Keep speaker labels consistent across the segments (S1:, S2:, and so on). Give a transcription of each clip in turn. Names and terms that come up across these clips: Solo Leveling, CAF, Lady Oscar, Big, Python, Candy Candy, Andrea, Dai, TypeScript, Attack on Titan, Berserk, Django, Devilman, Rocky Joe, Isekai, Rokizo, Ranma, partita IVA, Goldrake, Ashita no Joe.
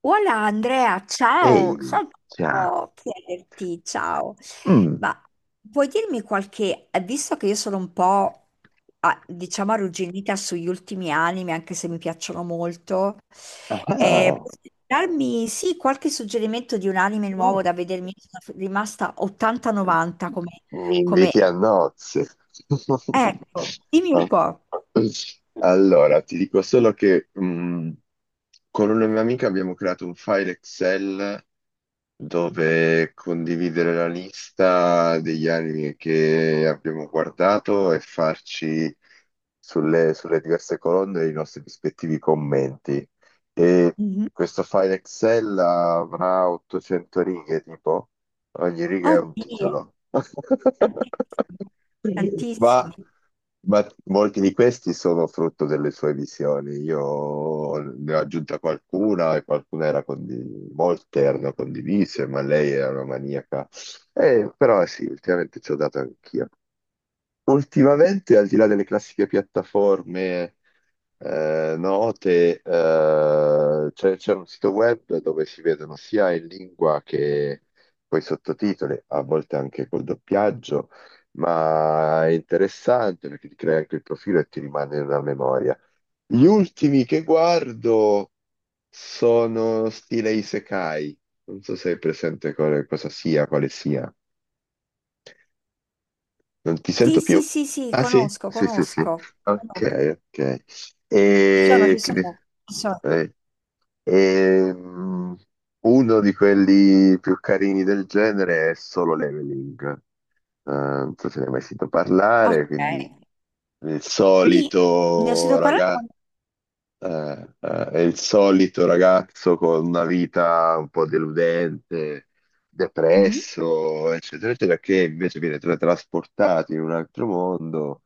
S1: Hola Andrea, ciao,
S2: Ehi,
S1: sai che
S2: cioè,
S1: volevo chiederti, ciao,
S2: mm,
S1: ma puoi dirmi qualche, visto che io sono un po', diciamo, arrugginita sugli ultimi anime, anche se mi piacciono molto,
S2: ah,
S1: puoi darmi, sì, qualche suggerimento di un anime nuovo
S2: oh,
S1: da vedermi? Sono rimasta 80-90 come,
S2: mi
S1: come-
S2: inviti a nozze.
S1: ecco, dimmi un po'.
S2: Allora, ti dico solo che con una mia amica abbiamo creato un file Excel dove condividere la lista degli anime che abbiamo guardato e farci sulle diverse colonne i nostri rispettivi commenti. E
S1: Mhm.
S2: questo file Excel avrà 800 righe, tipo ogni riga è un
S1: Oddio,
S2: titolo.
S1: tantissimi,
S2: Ma,
S1: tantissimi.
S2: ma molti di questi sono frutto delle sue visioni. Io ne ho aggiunta qualcuna e qualcuna era molte erano condivise, ma lei era una maniaca. Però sì, ultimamente ci ho dato anch'io. Ultimamente, al di là delle classiche piattaforme note, c'è un sito web dove si vedono sia in lingua che poi sottotitoli, a volte anche col doppiaggio, ma è interessante perché ti crea anche il profilo e ti rimane una memoria. Gli ultimi che guardo sono stile Isekai, non so se hai presente cosa sia, quale sia. Non ti
S1: Sì,
S2: sento
S1: sì,
S2: più?
S1: sì, sì,
S2: Ah sì?
S1: conosco,
S2: Sì, sì, sì.
S1: conosco. Conosco.
S2: Ok, ok.
S1: Ci sono,
S2: E,
S1: ci
S2: che di-
S1: sono, ci sono.
S2: eh, ehm, Uno di quelli più carini del genere è Solo Leveling. Non so se ne hai mai sentito
S1: Ok.
S2: parlare, quindi il
S1: Sì, ne ho
S2: solito
S1: sentito parlare.
S2: ragazzo, è il solito ragazzo con una vita un po' deludente,
S1: Mhm.
S2: depresso, eccetera, eccetera, che invece viene trasportato in un altro mondo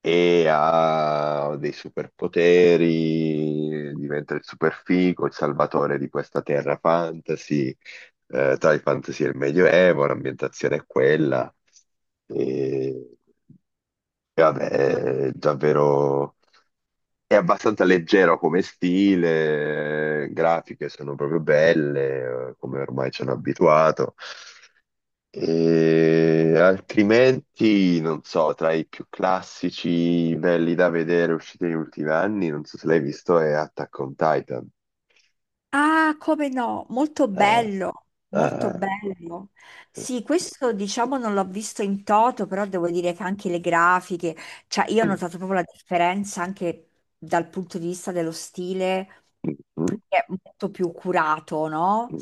S2: e ha dei superpoteri, diventa il superfigo, il salvatore di questa terra fantasy, tra il fantasy e il medioevo, l'ambientazione è quella. E, e vabbè, è abbastanza leggero come stile, grafiche sono proprio belle, come ormai ci hanno abituato. E altrimenti, non so, tra i più classici belli da vedere usciti negli ultimi anni, non so se l'hai visto, è Attack on Titan.
S1: Ah, come no, molto
S2: Eh,
S1: bello, molto
S2: eh,
S1: bello. Sì, questo diciamo non l'ho visto in toto, però devo dire che anche le grafiche, cioè io ho notato proprio la differenza anche dal punto di vista dello stile, che è molto più curato, no?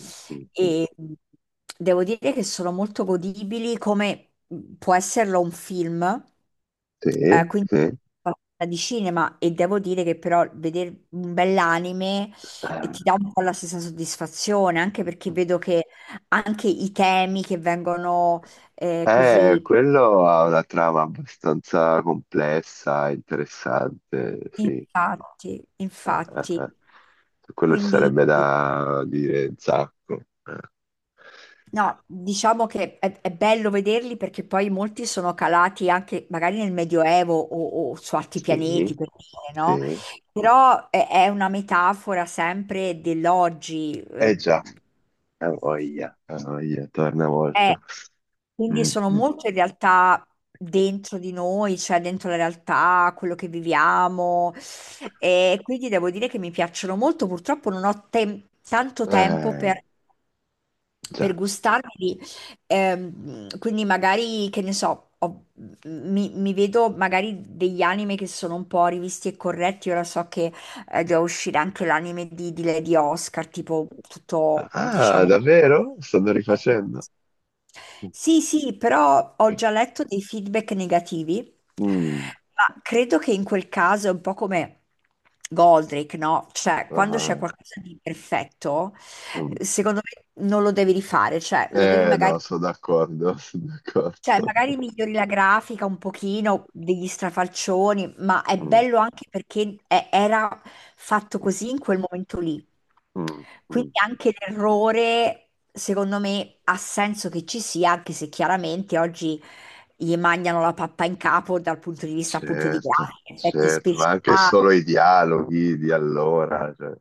S1: E devo dire che sono molto godibili, come può esserlo un film,
S2: Sì,
S1: quindi
S2: sì.
S1: di cinema, e devo dire che però vedere un bell'anime e ti dà un po' la stessa soddisfazione, anche perché vedo che anche i temi che vengono così,
S2: Quello ha una trama abbastanza complessa, interessante, sì.
S1: infatti,
S2: Eh,
S1: infatti,
S2: eh. Su quello ci
S1: quindi
S2: sarebbe da dire un sacco.
S1: no, diciamo che è bello vederli perché poi molti sono calati anche magari nel Medioevo o su altri
S2: Sì,
S1: pianeti, per dire, no?
S2: sì.
S1: Però è una metafora sempre dell'oggi.
S2: Eh già, ha voglia, torna
S1: Eh,
S2: molto.
S1: quindi
S2: Mm,
S1: sono
S2: mm.
S1: molte realtà dentro di noi, cioè dentro la realtà, quello che viviamo. E quindi devo dire che mi piacciono molto. Purtroppo non ho tanto tempo
S2: Eh,
S1: per
S2: già.
S1: gustarli. Quindi magari, che ne so, mi vedo magari degli anime che sono un po' rivisti e corretti. Ora so che doveva uscire anche l'anime di Lady Oscar, tipo tutto,
S2: Ah,
S1: diciamo.
S2: davvero? Stanno rifacendo?
S1: Sì, sì, però ho già letto dei feedback negativi,
S2: Mm,
S1: ma credo che in quel caso è un po' come Goldrake, no? Cioè, quando c'è
S2: ah,
S1: qualcosa di perfetto,
S2: mm.
S1: secondo me non lo devi rifare, cioè lo devi
S2: Eh no,
S1: magari,
S2: sono d'accordo, sono
S1: cioè,
S2: d'accordo.
S1: magari migliori la grafica un pochino degli strafalcioni, ma è
S2: Mm,
S1: bello anche perché era fatto così in quel momento lì.
S2: mm,
S1: Quindi
S2: mm.
S1: anche l'errore, secondo me, ha senso che ci sia, anche se chiaramente oggi gli mangiano la pappa in capo dal punto di vista appunto di
S2: Certo,
S1: grafica, effetti
S2: certo, ma
S1: speciali.
S2: anche solo i dialoghi di allora, cioè,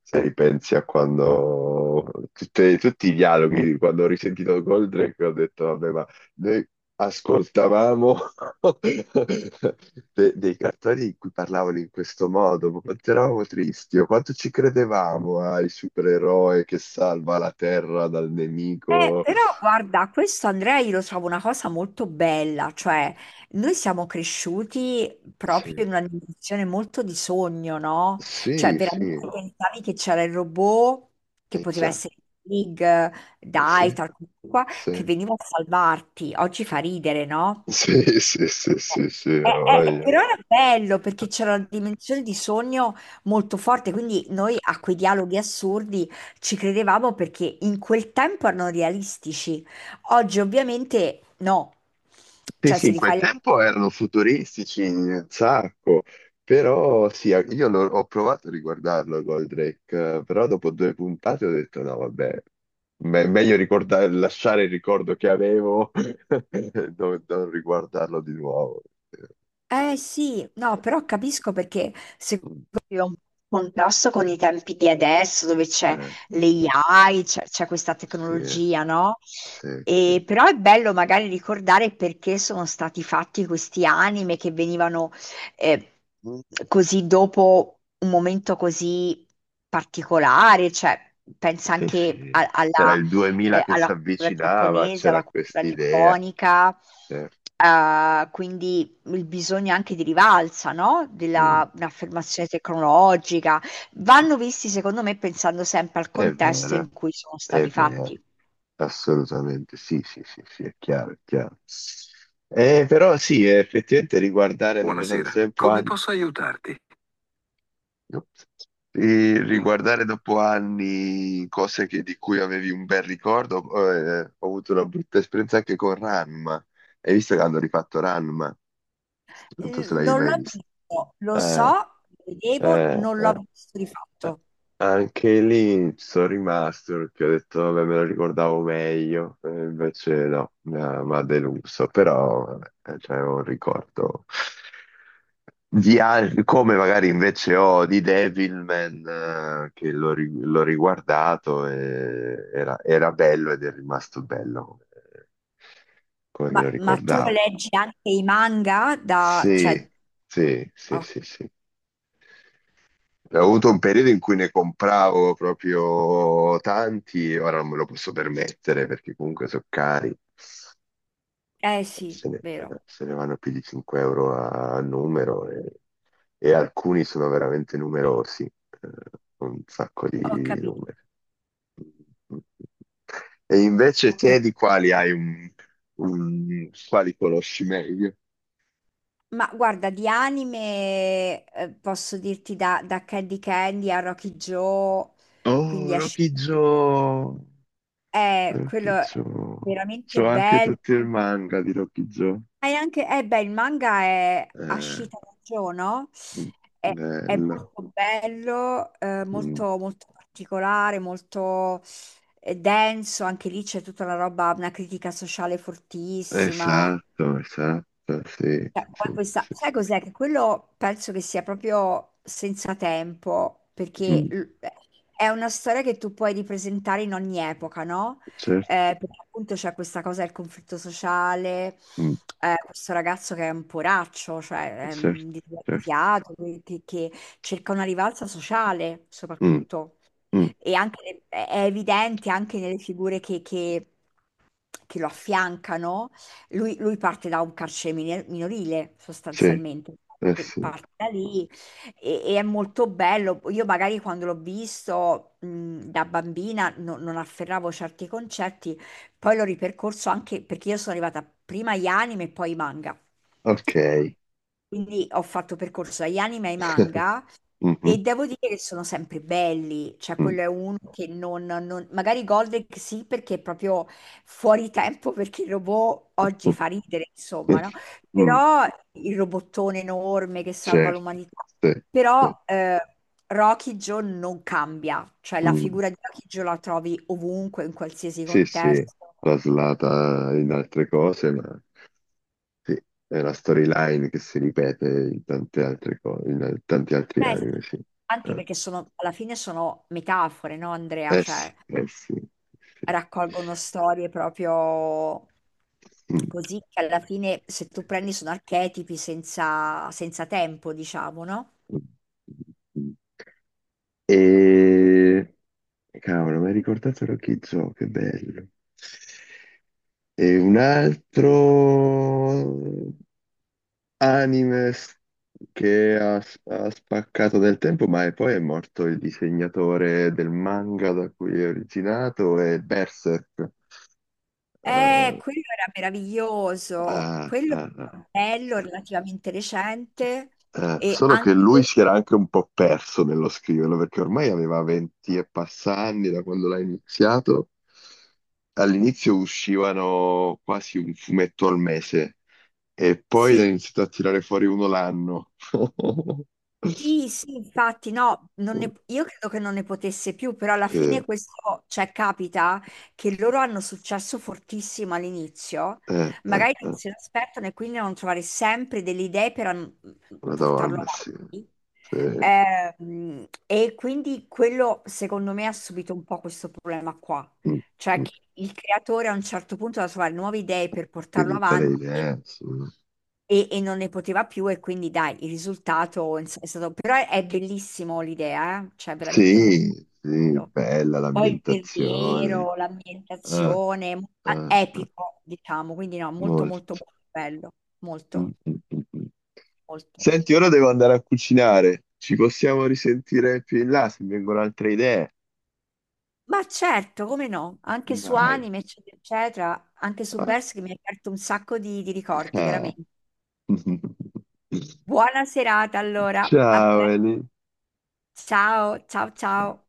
S2: se ripensi a quando tutti i dialoghi, quando ho risentito Goldrake ho detto, vabbè, ma noi ascoltavamo dei cartoni in cui parlavano in questo modo, ma quanto eravamo tristi, o quanto ci credevamo al supereroe che salva la Terra dal nemico.
S1: Però guarda, questo Andrea io lo trovo una cosa molto bella, cioè noi siamo cresciuti
S2: Sì,
S1: proprio in una dimensione molto di sogno, no? Cioè
S2: sì, sì,
S1: veramente pensavi che c'era il robot, che
S2: e
S1: poteva
S2: già,
S1: essere Big, Dai,
S2: sì,
S1: tal qua,
S2: sì.
S1: che veniva a salvarti. Oggi fa ridere, no?
S2: Sì, sì, sì, sì, sì, ha voglia.
S1: Però era bello perché c'era una dimensione di sogno molto forte, quindi noi a quei dialoghi assurdi ci credevamo perché in quel tempo erano realistici. Oggi ovviamente no,
S2: Sì,
S1: cioè
S2: sì,
S1: se
S2: in
S1: li
S2: quel
S1: fai.
S2: tempo erano futuristici un sacco, però sì, io ho provato a riguardarlo Goldrake, però dopo due puntate ho detto no, vabbè, meglio lasciare il ricordo che avevo, e non riguardarlo di nuovo.
S1: Eh sì, no, però capisco perché
S2: Eh,
S1: è un contrasto con i tempi di adesso, dove c'è
S2: eh,
S1: l'AI, c'è questa
S2: sì,
S1: tecnologia, no?
S2: sì, sì,
S1: E, però è bello magari ricordare perché sono stati fatti questi anime che venivano eh, così dopo un momento così particolare, cioè pensa
S2: sì,
S1: anche
S2: sì. C'era
S1: alla
S2: il 2000 che si
S1: alla cultura
S2: avvicinava,
S1: giapponese,
S2: c'era
S1: alla cultura
S2: quest'idea.
S1: nipponica,
S2: Certo.
S1: quindi il bisogno anche di rivalsa, no?
S2: Mm.
S1: Della, un'affermazione tecnologica. Vanno visti, secondo me, pensando sempre al
S2: È
S1: contesto
S2: vero,
S1: in cui sono
S2: è
S1: stati
S2: vero,
S1: fatti.
S2: assolutamente, sì, sì, sì, sì, è chiaro, è chiaro. Però sì, effettivamente riguardare dopo tanto
S1: Buonasera,
S2: tempo
S1: come
S2: anni,
S1: posso aiutarti?
S2: ops, riguardare dopo anni cose di cui avevi un bel ricordo, ho avuto una brutta esperienza anche con Ranma. Hai visto che hanno rifatto Ranma? Non so se l'hai
S1: Non
S2: mai
S1: l'ho
S2: visto.
S1: visto, lo so,
S2: Eh,
S1: lo vedevo, non l'ho
S2: eh.
S1: visto di fatto.
S2: Anche lì ci sono rimasto perché ho detto, vabbè, me lo ricordavo meglio, e invece no, mi ha deluso, però vabbè, cioè, è un ricordo di come magari invece ho di Devilman, che l'ho riguardato e era bello ed è rimasto bello come, come me
S1: Ma,
S2: lo
S1: ma tu
S2: ricordavo.
S1: leggi anche i manga da.
S2: Sì,
S1: Cioè,
S2: sì, sì,
S1: oh,
S2: sì, sì. Ho avuto un periodo in cui ne compravo proprio tanti, ora non me lo posso permettere perché comunque sono cari,
S1: eh sì,
S2: se ne,
S1: vero.
S2: se ne vanno più di €5 a numero e alcuni sono veramente numerosi, un sacco
S1: Ho
S2: di
S1: capito,
S2: numeri. E invece
S1: ho
S2: te
S1: capito.
S2: di quali hai quali conosci meglio?
S1: Ma guarda, di anime posso dirti da Candy Candy a Rocky Joe,
S2: Oh,
S1: quindi a. Sh-
S2: Rocky Joe!
S1: eh,
S2: Rocky
S1: quello è
S2: Joe.
S1: veramente
S2: C'ho anche
S1: bello.
S2: tutto il manga di Rocky Joe.
S1: E anche, eh beh, il manga è
S2: Eh,
S1: Ashita no Joe, no? È, è
S2: bello.
S1: molto bello,
S2: Mm,
S1: molto, molto particolare, molto denso. Anche lì c'è tutta la roba, una critica sociale fortissima.
S2: esatto, esatto, sì,
S1: Cioè, poi
S2: sì.
S1: questa, sai cos'è? Che quello penso che sia proprio senza tempo, perché
S2: Mm,
S1: è una storia che tu puoi ripresentare in ogni epoca, no?
S2: certo,
S1: Perché appunto c'è questa cosa del conflitto sociale,
S2: mm,
S1: questo ragazzo che è un poraccio, cioè è
S2: certo,
S1: un
S2: certo.
S1: disgraziato, che cerca una rivalsa sociale
S2: Mm,
S1: soprattutto.
S2: mm,
S1: E anche, è evidente anche nelle figure che lo affiancano, lui parte da un carcere minorile
S2: sì,
S1: sostanzialmente,
S2: eh sì.
S1: Parte da lì e è molto bello. Io magari quando l'ho visto da bambina non afferravo certi concetti, poi l'ho ripercorso anche perché io sono arrivata prima agli anime e poi ai manga.
S2: Ok.
S1: Quindi ho fatto percorso agli anime e ai manga e
S2: Mhm,
S1: devo dire che sono sempre belli, cioè
S2: mm.
S1: quello è uno che magari Goldrick sì perché è proprio fuori tempo perché il robot oggi fa ridere, insomma, no?
S2: Mm,
S1: Però il robottone enorme che salva
S2: certo,
S1: l'umanità.
S2: sì,
S1: Però
S2: sì.
S1: Rocky Joe non cambia, cioè la
S2: Mm,
S1: figura di Rocky Joe la trovi ovunque, in qualsiasi
S2: sì, sì,
S1: contesto.
S2: traslata in altre cose, ma sì, è una storyline che si ripete in tante altre cose, in tanti altri
S1: Eh sì,
S2: anime, sì.
S1: anche
S2: Eh,
S1: perché sono, alla fine sono metafore, no Andrea?
S2: eh sì,
S1: Cioè,
S2: eh sì, sì.
S1: raccolgono storie proprio
S2: Mm.
S1: così che alla fine se tu prendi sono archetipi senza, senza tempo, diciamo, no?
S2: E... Cavolo, mi hai ricordato Rokizo, che bello. E un altro... anime che ha spaccato del tempo, ma poi è morto il disegnatore del manga da cui è originato, è Berserk. Eh,
S1: Quello era meraviglioso,
S2: ah,
S1: quello
S2: ah, ah.
S1: era bello, relativamente recente e
S2: Solo che lui
S1: anche,
S2: si era anche un po' perso nello scriverlo, perché ormai aveva 20 e passa anni da quando l'ha iniziato. All'inizio uscivano quasi un fumetto al mese e poi ne ha
S1: sì,
S2: iniziato a tirare fuori uno l'anno.
S1: sì, sì, infatti, no, non ne- io credo che non ne potesse più, però alla
S2: Sì.
S1: fine questo, cioè, capita che loro hanno successo fortissimo all'inizio,
S2: Eh,
S1: magari non
S2: eh.
S1: se l'aspettano e quindi devono trovare sempre delle idee per portarlo
S2: Madonna, sì.
S1: avanti.
S2: Sì.
S1: E quindi quello, secondo me, ha subito un po' questo problema qua,
S2: Mm,
S1: cioè
S2: mm.
S1: che il creatore a un certo punto deve trovare nuove idee per portarlo
S2: Finita le
S1: avanti
S2: idee, sì.
S1: e non ne poteva più e quindi dai, il risultato è stato. Però è bellissimo l'idea, eh? Cioè veramente molto
S2: Sì, sì,
S1: bello.
S2: bella
S1: Poi il
S2: l'ambientazione.
S1: verriero,
S2: Eh,
S1: l'ambientazione,
S2: eh,
S1: ah,
S2: eh,
S1: epico, diciamo, quindi no, molto molto
S2: molto.
S1: molto bello,
S2: Mm,
S1: molto,
S2: mm, mm, mm.
S1: molto.
S2: Senti, ora devo andare a cucinare. Ci possiamo risentire più in là se mi vengono altre idee.
S1: Ma certo, come no, anche su
S2: Dai.
S1: anime, eccetera, eccetera, anche su
S2: Ah.
S1: Berserk mi ha aperto un sacco di ricordi, veramente. Buona serata allora,
S2: Ciao, Eli.
S1: ciao, ciao, ciao.
S2: Ciao.